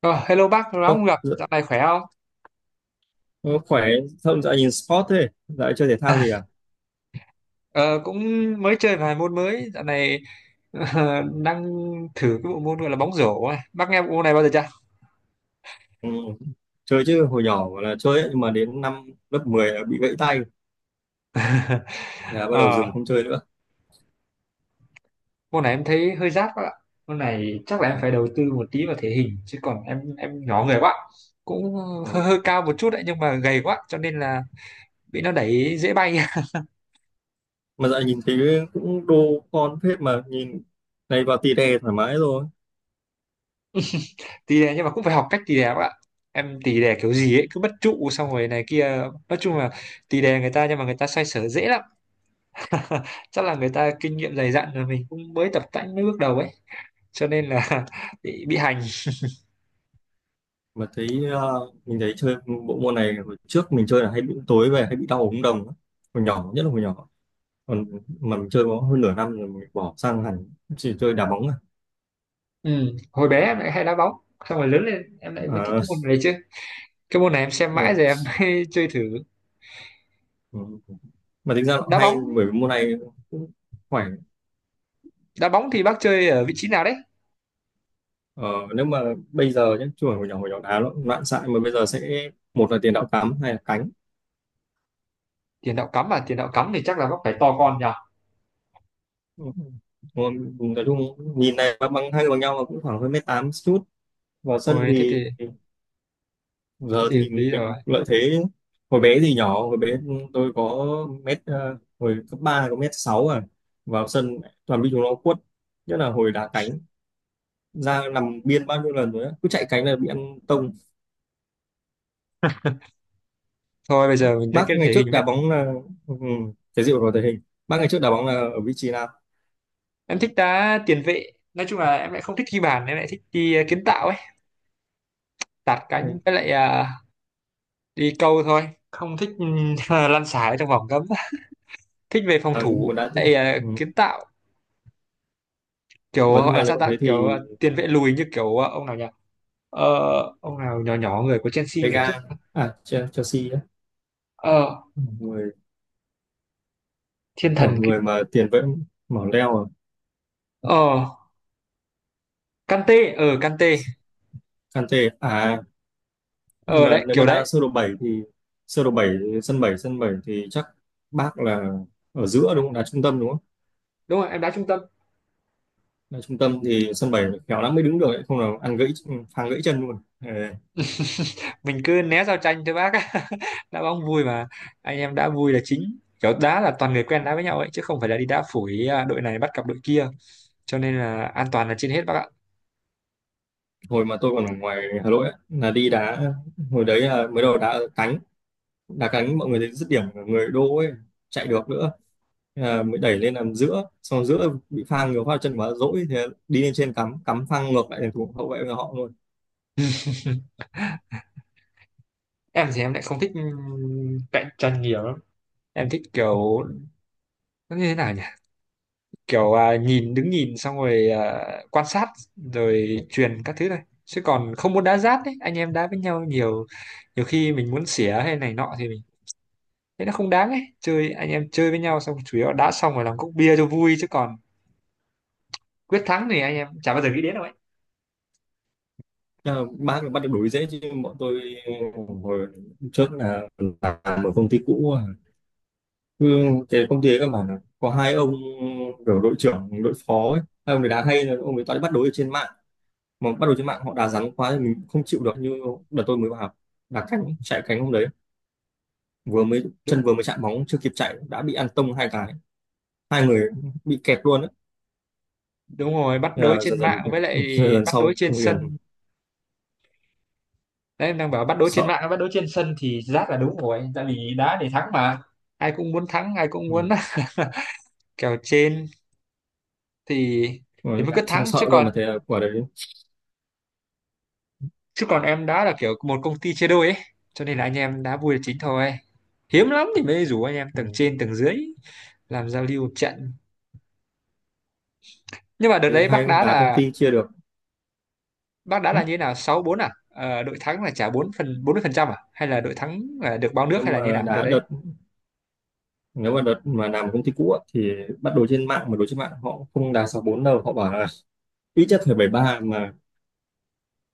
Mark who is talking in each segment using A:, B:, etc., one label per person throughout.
A: Ờ, Hello bác, lâu lắm
B: Ô,
A: không gặp,
B: dạ,
A: dạo này khỏe không?
B: ô, khỏe không? Dạo nhìn sport thế, dạo chơi thể thao gì à?
A: Ờ, Cũng mới chơi vài môn mới, dạo này đang thử cái bộ môn gọi là bóng rổ ấy. Bác nghe bộ môn này bao giờ chưa?
B: Ừ, chơi chứ, hồi nhỏ gọi là chơi ấy, nhưng mà đến năm lớp 10 là bị gãy tay. Thế là bắt đầu
A: Ờ,
B: dừng không chơi nữa.
A: Môn này em thấy hơi rát quá ạ. Môn này chắc là em
B: Ừ,
A: phải đầu tư một tí vào thể hình, chứ còn em nhỏ người quá. Cũng
B: đúng
A: hơi,
B: rồi.
A: hơi cao một chút đấy, nhưng mà gầy quá, cho nên là bị nó đẩy dễ bay.
B: Mà dạo nhìn thấy cũng đô con phết, mà nhìn này vào tì đè thoải mái rồi.
A: Tì đè nhưng mà cũng phải học cách tì đè các bạn. Em tì đè kiểu gì ấy, cứ bất trụ xong rồi này kia. Nói chung là tì đè người ta nhưng mà người ta xoay sở dễ lắm. Chắc là người ta kinh nghiệm dày dặn rồi, mình cũng mới tập tành mới bước đầu ấy, cho nên là bị hành.
B: Mà thấy mình thấy chơi bộ môn này hồi trước, mình chơi là hay bị tối về hay bị đau ống đồng á. Hồi nhỏ, nhất là hồi nhỏ còn, mà mình chơi có hơn nửa năm rồi mình bỏ, sang hẳn chỉ chơi đá bóng à.
A: Ừ. Hồi bé em lại hay đá bóng, xong rồi lớn lên em lại mới thích cái môn này chứ. Cái môn này em xem mãi
B: À,
A: rồi em mới chơi thử.
B: ừ, mà tính ra nó
A: đá
B: hay
A: bóng
B: bởi vì môn này cũng khỏe.
A: Đá bóng thì bác chơi ở vị trí nào đấy?
B: ờ, Nếu mà bây giờ nhé, chứ hồi nhỏ đá nó cũng loạn xạ, mà bây giờ sẽ một là tiền đạo cắm hay là cánh.
A: Tiền đạo cắm à? Tiền đạo cắm thì chắc là bác phải to con nhỉ.
B: Ừ. Còn nói chung nhìn này bằng bằng- hai người bằng nhau, mà cũng khoảng hơn mét tám chút, vào sân
A: Ôi thế thì.
B: thì
A: Thế
B: giờ
A: thì hợp
B: thì
A: lý rồi.
B: mình lợi thế. Hồi bé thì nhỏ, hồi bé tôi có mét, hồi cấp 3 có mét sáu à, vào sân toàn bị chúng nó quất, nhất là hồi đá cánh, ra nằm biên bao nhiêu lần rồi á, cứ chạy cánh là bị ăn tông.
A: Thôi bây giờ mình lấy
B: Bác
A: cái
B: ngày
A: thể
B: trước
A: hình
B: đá
A: ấy.
B: bóng là, ừ, cái gì mà thể hình. Bác ngày trước đá bóng là ở vị trí nào?
A: Em thích đá tiền vệ, nói chung là em lại không thích ghi bàn, em lại thích đi kiến tạo ấy. Tạt cánh
B: Hay-
A: với lại đi câu thôi, không thích lăn xả ở trong vòng cấm. Thích về phòng
B: À, muốn
A: thủ
B: đá chứ.
A: tại
B: Ừ.
A: kiến tạo. Kiểu
B: Ủa, nhưng
A: gọi là
B: mà
A: sao
B: nếu
A: ta,
B: thế
A: kiểu
B: thì
A: tiền vệ lùi, như kiểu ông nào nhỉ? ờ, ông nào nhỏ nhỏ người của Chelsea ngày
B: Vega,
A: trước.
B: à, Chelsea á.
A: ờ,
B: Ừ, người
A: Thiên
B: kiểu
A: thần cái.
B: người mà tiền vệ mỏ leo à.
A: Ờ Kante ờ Kante
B: Kante à? À, nhưng
A: ờ
B: mà
A: Đấy
B: nếu mà
A: kiểu
B: đá
A: đấy.
B: sơ đồ 7 thì, sơ đồ bảy, sân bảy, sân 7 thì chắc bác là ở giữa đúng không? Đá trung tâm đúng không?
A: Đúng rồi, em đá trung tâm.
B: Đá trung tâm thì sân 7 khéo lắm mới đứng được ấy, không là ăn gãy, phang gãy chân luôn.
A: Mình cứ né giao tranh thôi bác. Đá bóng vui mà. Anh em đá vui là chính, kiểu đá là toàn người quen đá với nhau ấy, chứ không phải là đi đá phủi, à đội này bắt cặp đội kia. Cho nên là an toàn là trên hết bác ạ.
B: Hồi mà tôi còn ở ngoài Hà Nội á, là đi đá, hồi đấy là mới đầu đá ở cánh, đá cánh mọi người thấy dứt điểm của người đô ấy, chạy được nữa. Thế là mới đẩy lên làm giữa, xong rồi giữa bị phang nhiều phát chân quá dỗi, thì đi lên trên cắm, cắm phang ngược lại thành thủ hậu vệ của họ luôn.
A: Em thì em lại không thích cạnh tranh nhiều lắm. Em thích kiểu, nó như thế nào nhỉ, kiểu nhìn đứng nhìn xong rồi quan sát. Rồi truyền các thứ này, chứ còn không muốn đá giáp ấy, anh em đá với nhau nhiều. Nhiều khi mình muốn xỉa hay này nọ thì mình thấy nó không đáng ấy, chơi anh em chơi với nhau xong chủ yếu là đá xong rồi làm cốc bia cho vui chứ còn. Quyết thắng thì anh em chả bao giờ nghĩ đến đâu ấy.
B: Thế là bác bắt được đuổi dễ chứ bọn tôi hồi trước là làm ở công ty cũ à. Cứ cái công ty ấy các bạn ạ, có hai ông kiểu đội trưởng đội phó ấy, hai ông ấy đá hay là ông ấy toàn đi bắt đối ở trên mạng, mà bắt đầu trên mạng họ đá rắn quá thì mình không chịu được. Như đợt tôi mới vào học, đá cánh, chạy cánh hôm đấy vừa mới
A: đúng,
B: chân vừa mới chạm bóng chưa kịp chạy đã bị ăn tông hai cái, hai người bị kẹt luôn á.
A: đúng rồi, bắt
B: Thế
A: đối
B: là
A: trên
B: dần dần
A: mạng
B: phải,
A: với lại
B: dần dần
A: bắt đối
B: sau
A: trên
B: không yên,
A: sân. Đấy đang bảo bắt đấu trên
B: sợ.
A: mạng, bắt đấu trên sân thì rát, là đúng rồi tại vì đá để thắng mà. Ai cũng muốn thắng, ai cũng muốn
B: Ừ,
A: kèo trên thì
B: rồi
A: mới
B: đá
A: cứ
B: xong
A: thắng chứ
B: sợ luôn,
A: còn,
B: mà thế là quả đấy.
A: em đá là kiểu một công ty chia đôi ấy. Cho nên là anh em đá vui là chính thôi, hiếm lắm thì mới rủ anh em
B: Ừ,
A: tầng trên tầng dưới làm giao lưu một trận. Nhưng mà đợt
B: thế thì
A: đấy
B: hay đá công ty chia được.
A: bác đá
B: Ừ,
A: là như thế nào, 6-4 à? Ờ, Đội thắng là trả bốn phần, 40% à, hay là đội thắng là được bao nước, hay
B: nhưng
A: là như thế
B: mà
A: nào đợt
B: đá
A: đấy?
B: đợt, nếu mà đợt mà làm ở công ty cũ á, thì bắt đầu trên mạng mà đối trên mạng họ không đá sáu bốn đâu, họ bảo là ít nhất phải bảy ba. Mà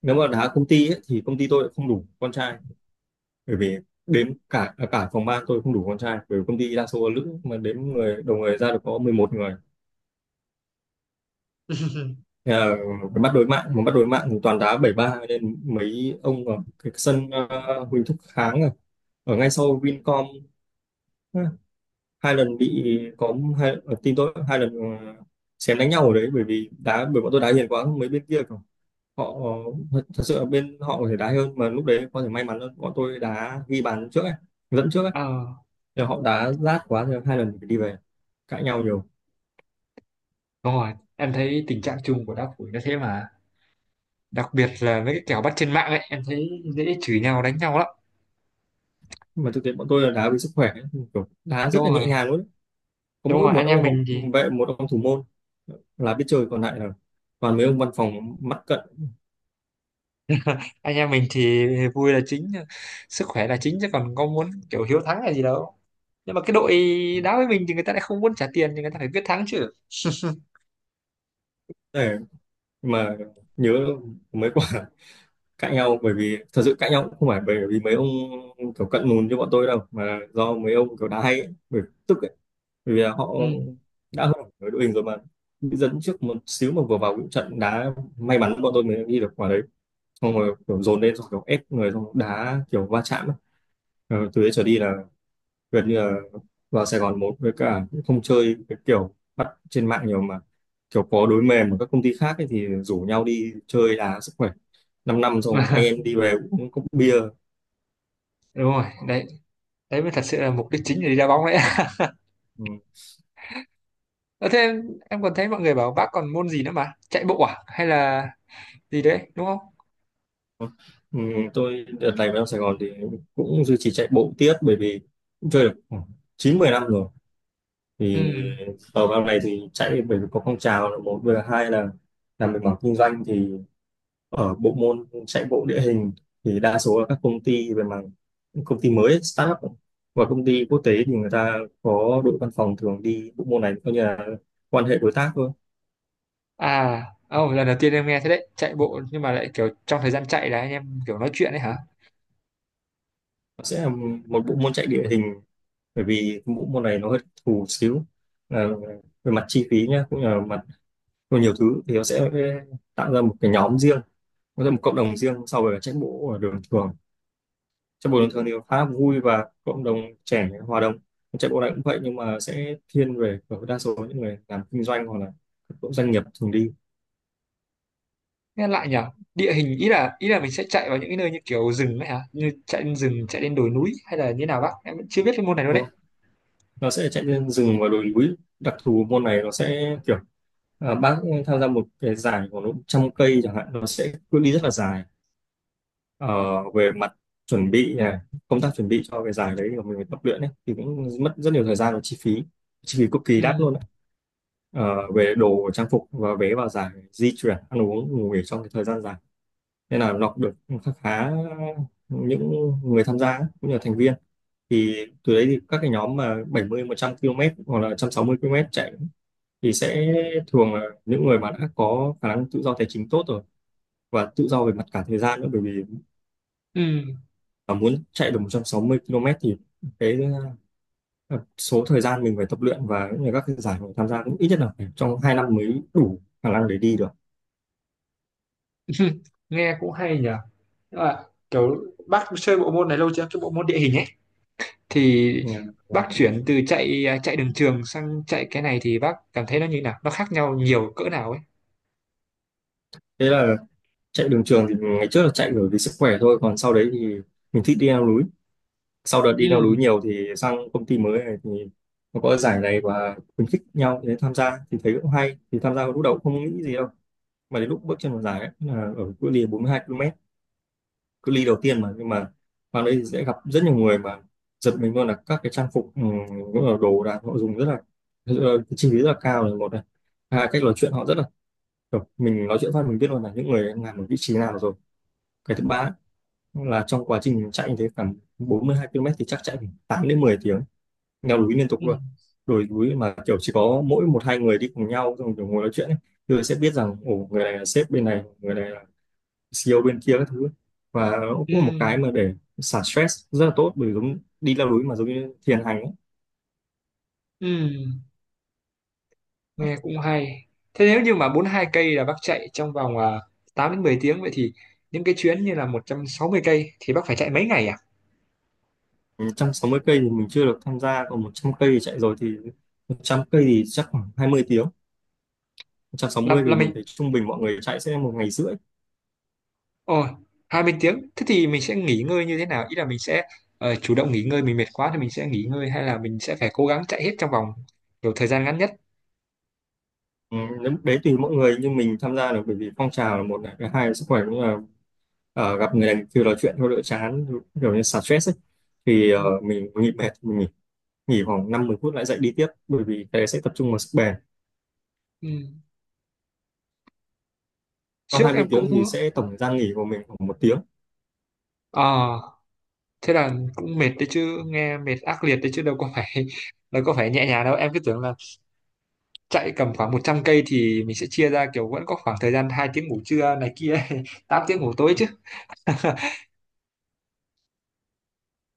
B: nếu mà đá công ty ấy, thì công ty tôi lại không đủ con trai, bởi vì đến cả, à, cả phòng ban tôi không đủ con trai bởi vì công ty đa số là nữ, mà đếm người đầu người ra được có 11 người. Thế là cái bắt đối mạng, mà bắt đối mạng thì toàn đá bảy ba, nên mấy ông ở cái sân, Huỳnh Thúc Kháng à, ở ngay sau Vincom á, hai lần bị, có hai ở team tôi hai lần, xém đánh nhau ở đấy bởi vì đá, bởi bọn tôi đá hiền quá, mấy bên kia kiểu họ, thật sự là bên họ có thể đá hơn, mà lúc đấy có thể may mắn hơn bọn tôi đá ghi bàn trước ấy, dẫn trước ấy.
A: ờ
B: Nhưng họ đá rát quá thì hai lần phải đi về, cãi nhau nhiều.
A: Đúng rồi, em thấy tình trạng chung của đá phủi nó thế mà. Đặc biệt là với cái kèo bắt trên mạng ấy, em thấy dễ chửi nhau đánh nhau lắm.
B: Nhưng mà thực tế bọn tôi là đá vì sức khỏe ấy. Kiểu đá rất
A: đúng
B: là
A: rồi
B: nhẹ nhàng luôn ấy. Có
A: Đúng
B: mỗi
A: rồi,
B: một ông hậu vệ, một ông thủ môn là biết chơi, còn lại là toàn mấy ông văn phòng mắt cận.
A: anh em mình thì vui là chính, sức khỏe là chính, chứ còn có muốn kiểu hiếu thắng là gì đâu. Nhưng mà cái đội đá với mình thì người ta lại không muốn trả tiền, thì người ta phải biết thắng chứ.
B: Để mà nhớ mấy quả cãi nhau, bởi vì thật sự cãi nhau cũng không phải bởi vì mấy ông kiểu cận lùn như bọn tôi đâu, mà do mấy ông kiểu đá hay ấy, bởi tức ấy, bởi vì là họ
A: Ừ.
B: đã hơn ở đội hình rồi mà bị dẫn trước một xíu, mà vừa vào cũng trận đá may mắn bọn tôi mới ghi được quả đấy, xong rồi kiểu dồn lên, xong kiểu ép người, xong đá kiểu va chạm ấy. Ờ, từ đấy trở đi là gần như là vào Sài Gòn một với cả không chơi cái kiểu bắt trên mạng nhiều, mà kiểu có đối mềm ở các công ty khác ấy, thì rủ nhau đi chơi đá sức khỏe 5 năm năm xong anh em đi về cũng cốc bia.
A: Đúng rồi đấy, đấy mới thật sự là mục đích chính để đi đá bóng đấy.
B: Ừ.
A: Ờ, Thế em còn thấy mọi người bảo bác còn môn gì nữa mà chạy bộ à, hay là gì đấy đúng không?
B: Ừ, tôi đợt này vào Sài Gòn thì cũng duy trì chạy bộ tiếp, bởi vì cũng chơi được khoảng 9 10 năm rồi
A: Ừ.
B: thì ở vào này thì chạy, bởi vì có phong trào là một, vừa là hai là làm về mảng kinh doanh thì ở bộ môn chạy bộ địa hình thì đa số là các công ty về mảng công ty mới ấy, startup và công ty quốc tế thì người ta có đội văn phòng thường đi bộ môn này coi như là quan hệ đối tác thôi.
A: À, oh, Lần đầu tiên em nghe thế đấy, chạy bộ nhưng mà lại kiểu trong thời gian chạy là anh em kiểu nói chuyện đấy hả?
B: Nó sẽ là một bộ môn chạy địa hình, bởi vì bộ môn này nó hơi thù xíu, là về mặt chi phí nhá cũng như là mặt về nhiều thứ, thì nó sẽ tạo ra một cái nhóm riêng, nó ra một cộng đồng riêng so với chạy bộ ở đường thường. Chạy bộ bình thường thì khá vui và cộng đồng trẻ hòa đồng. Chạy bộ này cũng vậy, nhưng mà sẽ thiên về ở đa số những người làm kinh doanh hoặc là các cộng doanh nghiệp thường đi.
A: Nghe lại nhở? Địa hình, ý là mình sẽ chạy vào những cái nơi như kiểu rừng đấy hả? Như chạy lên rừng, chạy lên đồi núi, hay là như nào bác? Em vẫn chưa biết cái môn này luôn
B: Đúng
A: đấy.
B: không, nó sẽ chạy lên rừng và đồi núi, đặc thù môn này nó sẽ kiểu, à, bác tham gia một cái giải của nó trăm cây chẳng hạn, nó sẽ cự ly rất là dài. Ờ, về mặt chuẩn bị này, công tác chuẩn bị cho cái giải đấy của mình tập luyện ấy, thì cũng mất rất nhiều thời gian và chi phí, chi phí cực kỳ đắt
A: Ừ.
B: luôn đấy, ờ, về đồ trang phục và vé vào giải, di chuyển, ăn uống, ngủ nghỉ trong cái thời gian dài, nên là lọc được khá khá những người tham gia ấy, cũng như là thành viên, thì từ đấy thì các cái nhóm mà 70 100 km hoặc là 160 km chạy thì sẽ thường là những người mà đã có khả năng tự do tài chính tốt rồi và tự do về mặt cả thời gian nữa. Bởi vì
A: Ừ.
B: mà muốn chạy được 160 km thì cái, ờ, số thời gian mình phải tập luyện và cũng như các cái giải mình tham gia cũng ít nhất là phải trong 2 năm mới đủ khả năng để đi được.
A: Nghe cũng hay nhở. Nhưng mà kiểu bác chơi bộ môn này lâu chưa? Cái bộ môn địa hình ấy thì
B: Yeah.
A: bác chuyển từ chạy đường trường sang chạy cái này thì bác cảm thấy nó như thế nào? Nó khác nhau nhiều cỡ nào ấy?
B: Thế là chạy đường trường thì ngày trước là chạy bởi vì sức khỏe thôi, còn sau đấy thì mình thích đi leo núi, sau đợt
A: Ừ.
B: đi leo núi nhiều thì sang công ty mới này thì nó có giải này và khuyến khích nhau để tham gia thì thấy cũng hay thì tham gia, lúc đầu cũng không nghĩ gì đâu. Mà đến lúc bước chân vào giải ấy, là ở cự ly 42 km, cự ly đầu tiên mà, nhưng mà vào đây thì sẽ gặp rất nhiều người mà giật mình luôn là các cái trang phục, ừ, cũng là đồ đạc họ dùng rất là, cái chi phí rất là cao là một này, hai cách nói chuyện họ rất là kiểu, mình nói chuyện phát mình biết luôn là những người đang làm ở vị trí nào rồi. Cái thứ ba là trong quá trình chạy như thế, khoảng 42 km thì chắc chạy khoảng 8 đến 10 tiếng, leo núi liên tục
A: Ừ.
B: luôn, đồi núi mà kiểu chỉ có mỗi một hai người đi cùng nhau xong kiểu ngồi nói chuyện ấy, thì sẽ biết rằng ồ người này là sếp bên này, người này là CEO bên kia các thứ. Và nó cũng là một
A: Ừ.
B: cái mà để xả stress rất là tốt, bởi vì giống đi leo núi mà giống như thiền hành ấy.
A: Ừ. Nghe cũng hay. Thế nếu như mà 42 cây là bác chạy trong vòng 8 đến 10 tiếng, vậy thì những cái chuyến như là 160 cây thì bác phải chạy mấy ngày à?
B: 160 cây thì mình chưa được tham gia, còn 100 cây thì chạy rồi thì 100 cây thì chắc khoảng 20 tiếng, một trăm sáu
A: là
B: mươi
A: là
B: thì mình
A: mình,
B: thấy trung bình mọi người chạy sẽ một ngày rưỡi.
A: ồ, 20 tiếng, thế thì mình sẽ nghỉ ngơi như thế nào, ý là mình sẽ chủ động nghỉ ngơi, mình mệt quá thì mình sẽ nghỉ ngơi, hay là mình sẽ phải cố gắng chạy hết trong vòng kiểu thời gian ngắn nhất?
B: Ừ, đấy tùy mỗi người, nhưng mình tham gia được bởi vì phong trào là một này, cái hai là sức khỏe, cũng là, gặp người này kêu nói chuyện thôi đỡ chán, kiểu như xả stress ấy, thì
A: Ừ.
B: mình nghỉ mệt mình nghỉ, nghỉ khoảng năm mười phút lại dậy đi tiếp, bởi vì cái đấy sẽ tập trung vào sức bền.
A: Ừ.
B: Sau
A: Trước
B: 20
A: em
B: tiếng
A: cũng
B: thì sẽ tổng thời gian nghỉ của mình khoảng một tiếng.
A: ờ thế là cũng mệt đấy chứ, nghe mệt ác liệt đấy chứ, đâu có phải đâu có phải nhẹ nhàng đâu, em cứ tưởng là chạy cầm khoảng 100 cây thì mình sẽ chia ra kiểu vẫn có khoảng thời gian 2 tiếng ngủ trưa này kia, 8 tiếng ngủ tối chứ.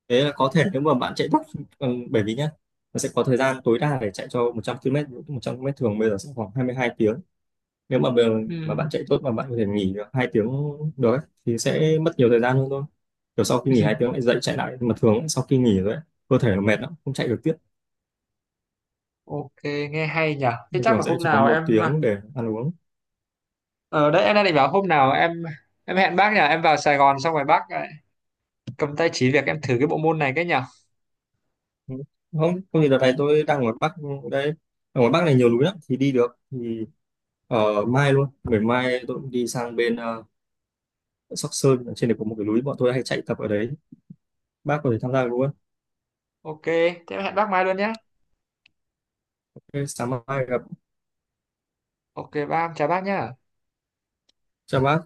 B: Thế là có thể, nếu mà bạn chạy tốc, ừ, bởi vì nhá, nó sẽ có thời gian tối đa để chạy cho 100 km 100 mét, một trăm ki lô mét thường bây giờ sẽ khoảng 22 tiếng. Nếu mà mà
A: Ừ.
B: bạn chạy tốt mà bạn có thể nghỉ được hai tiếng được, thì sẽ mất nhiều thời gian hơn thôi, kiểu sau khi nghỉ hai tiếng lại dậy chạy lại. Mà thường ấy, sau khi nghỉ rồi ấy, cơ thể nó mệt lắm không chạy được tiếp,
A: Ok, nghe hay nhỉ. Thế
B: nên
A: chắc
B: thường
A: là
B: sẽ
A: hôm
B: chỉ có
A: nào
B: một
A: em,
B: tiếng để ăn uống.
A: ở đấy em đang định bảo hôm nào em hẹn bác nhỉ, em vào Sài Gòn xong rồi bác lại cầm tay chỉ việc em thử cái bộ môn này cái nhỉ.
B: Ừ, không không thì đợt này tôi đang ở ngoài Bắc đây, ở ngoài Bắc này nhiều núi lắm thì đi được thì ở mai luôn, ngày mai tôi cũng đi sang bên, Sóc Sơn ở trên này có một cái núi bọn tôi hay chạy tập ở đấy, bác có thể tham gia được luôn.
A: Ok thế em hẹn bác mai luôn nhé.
B: OK, sáng mai gặp.
A: Ok bác, em chào bác nhá.
B: Chào bác.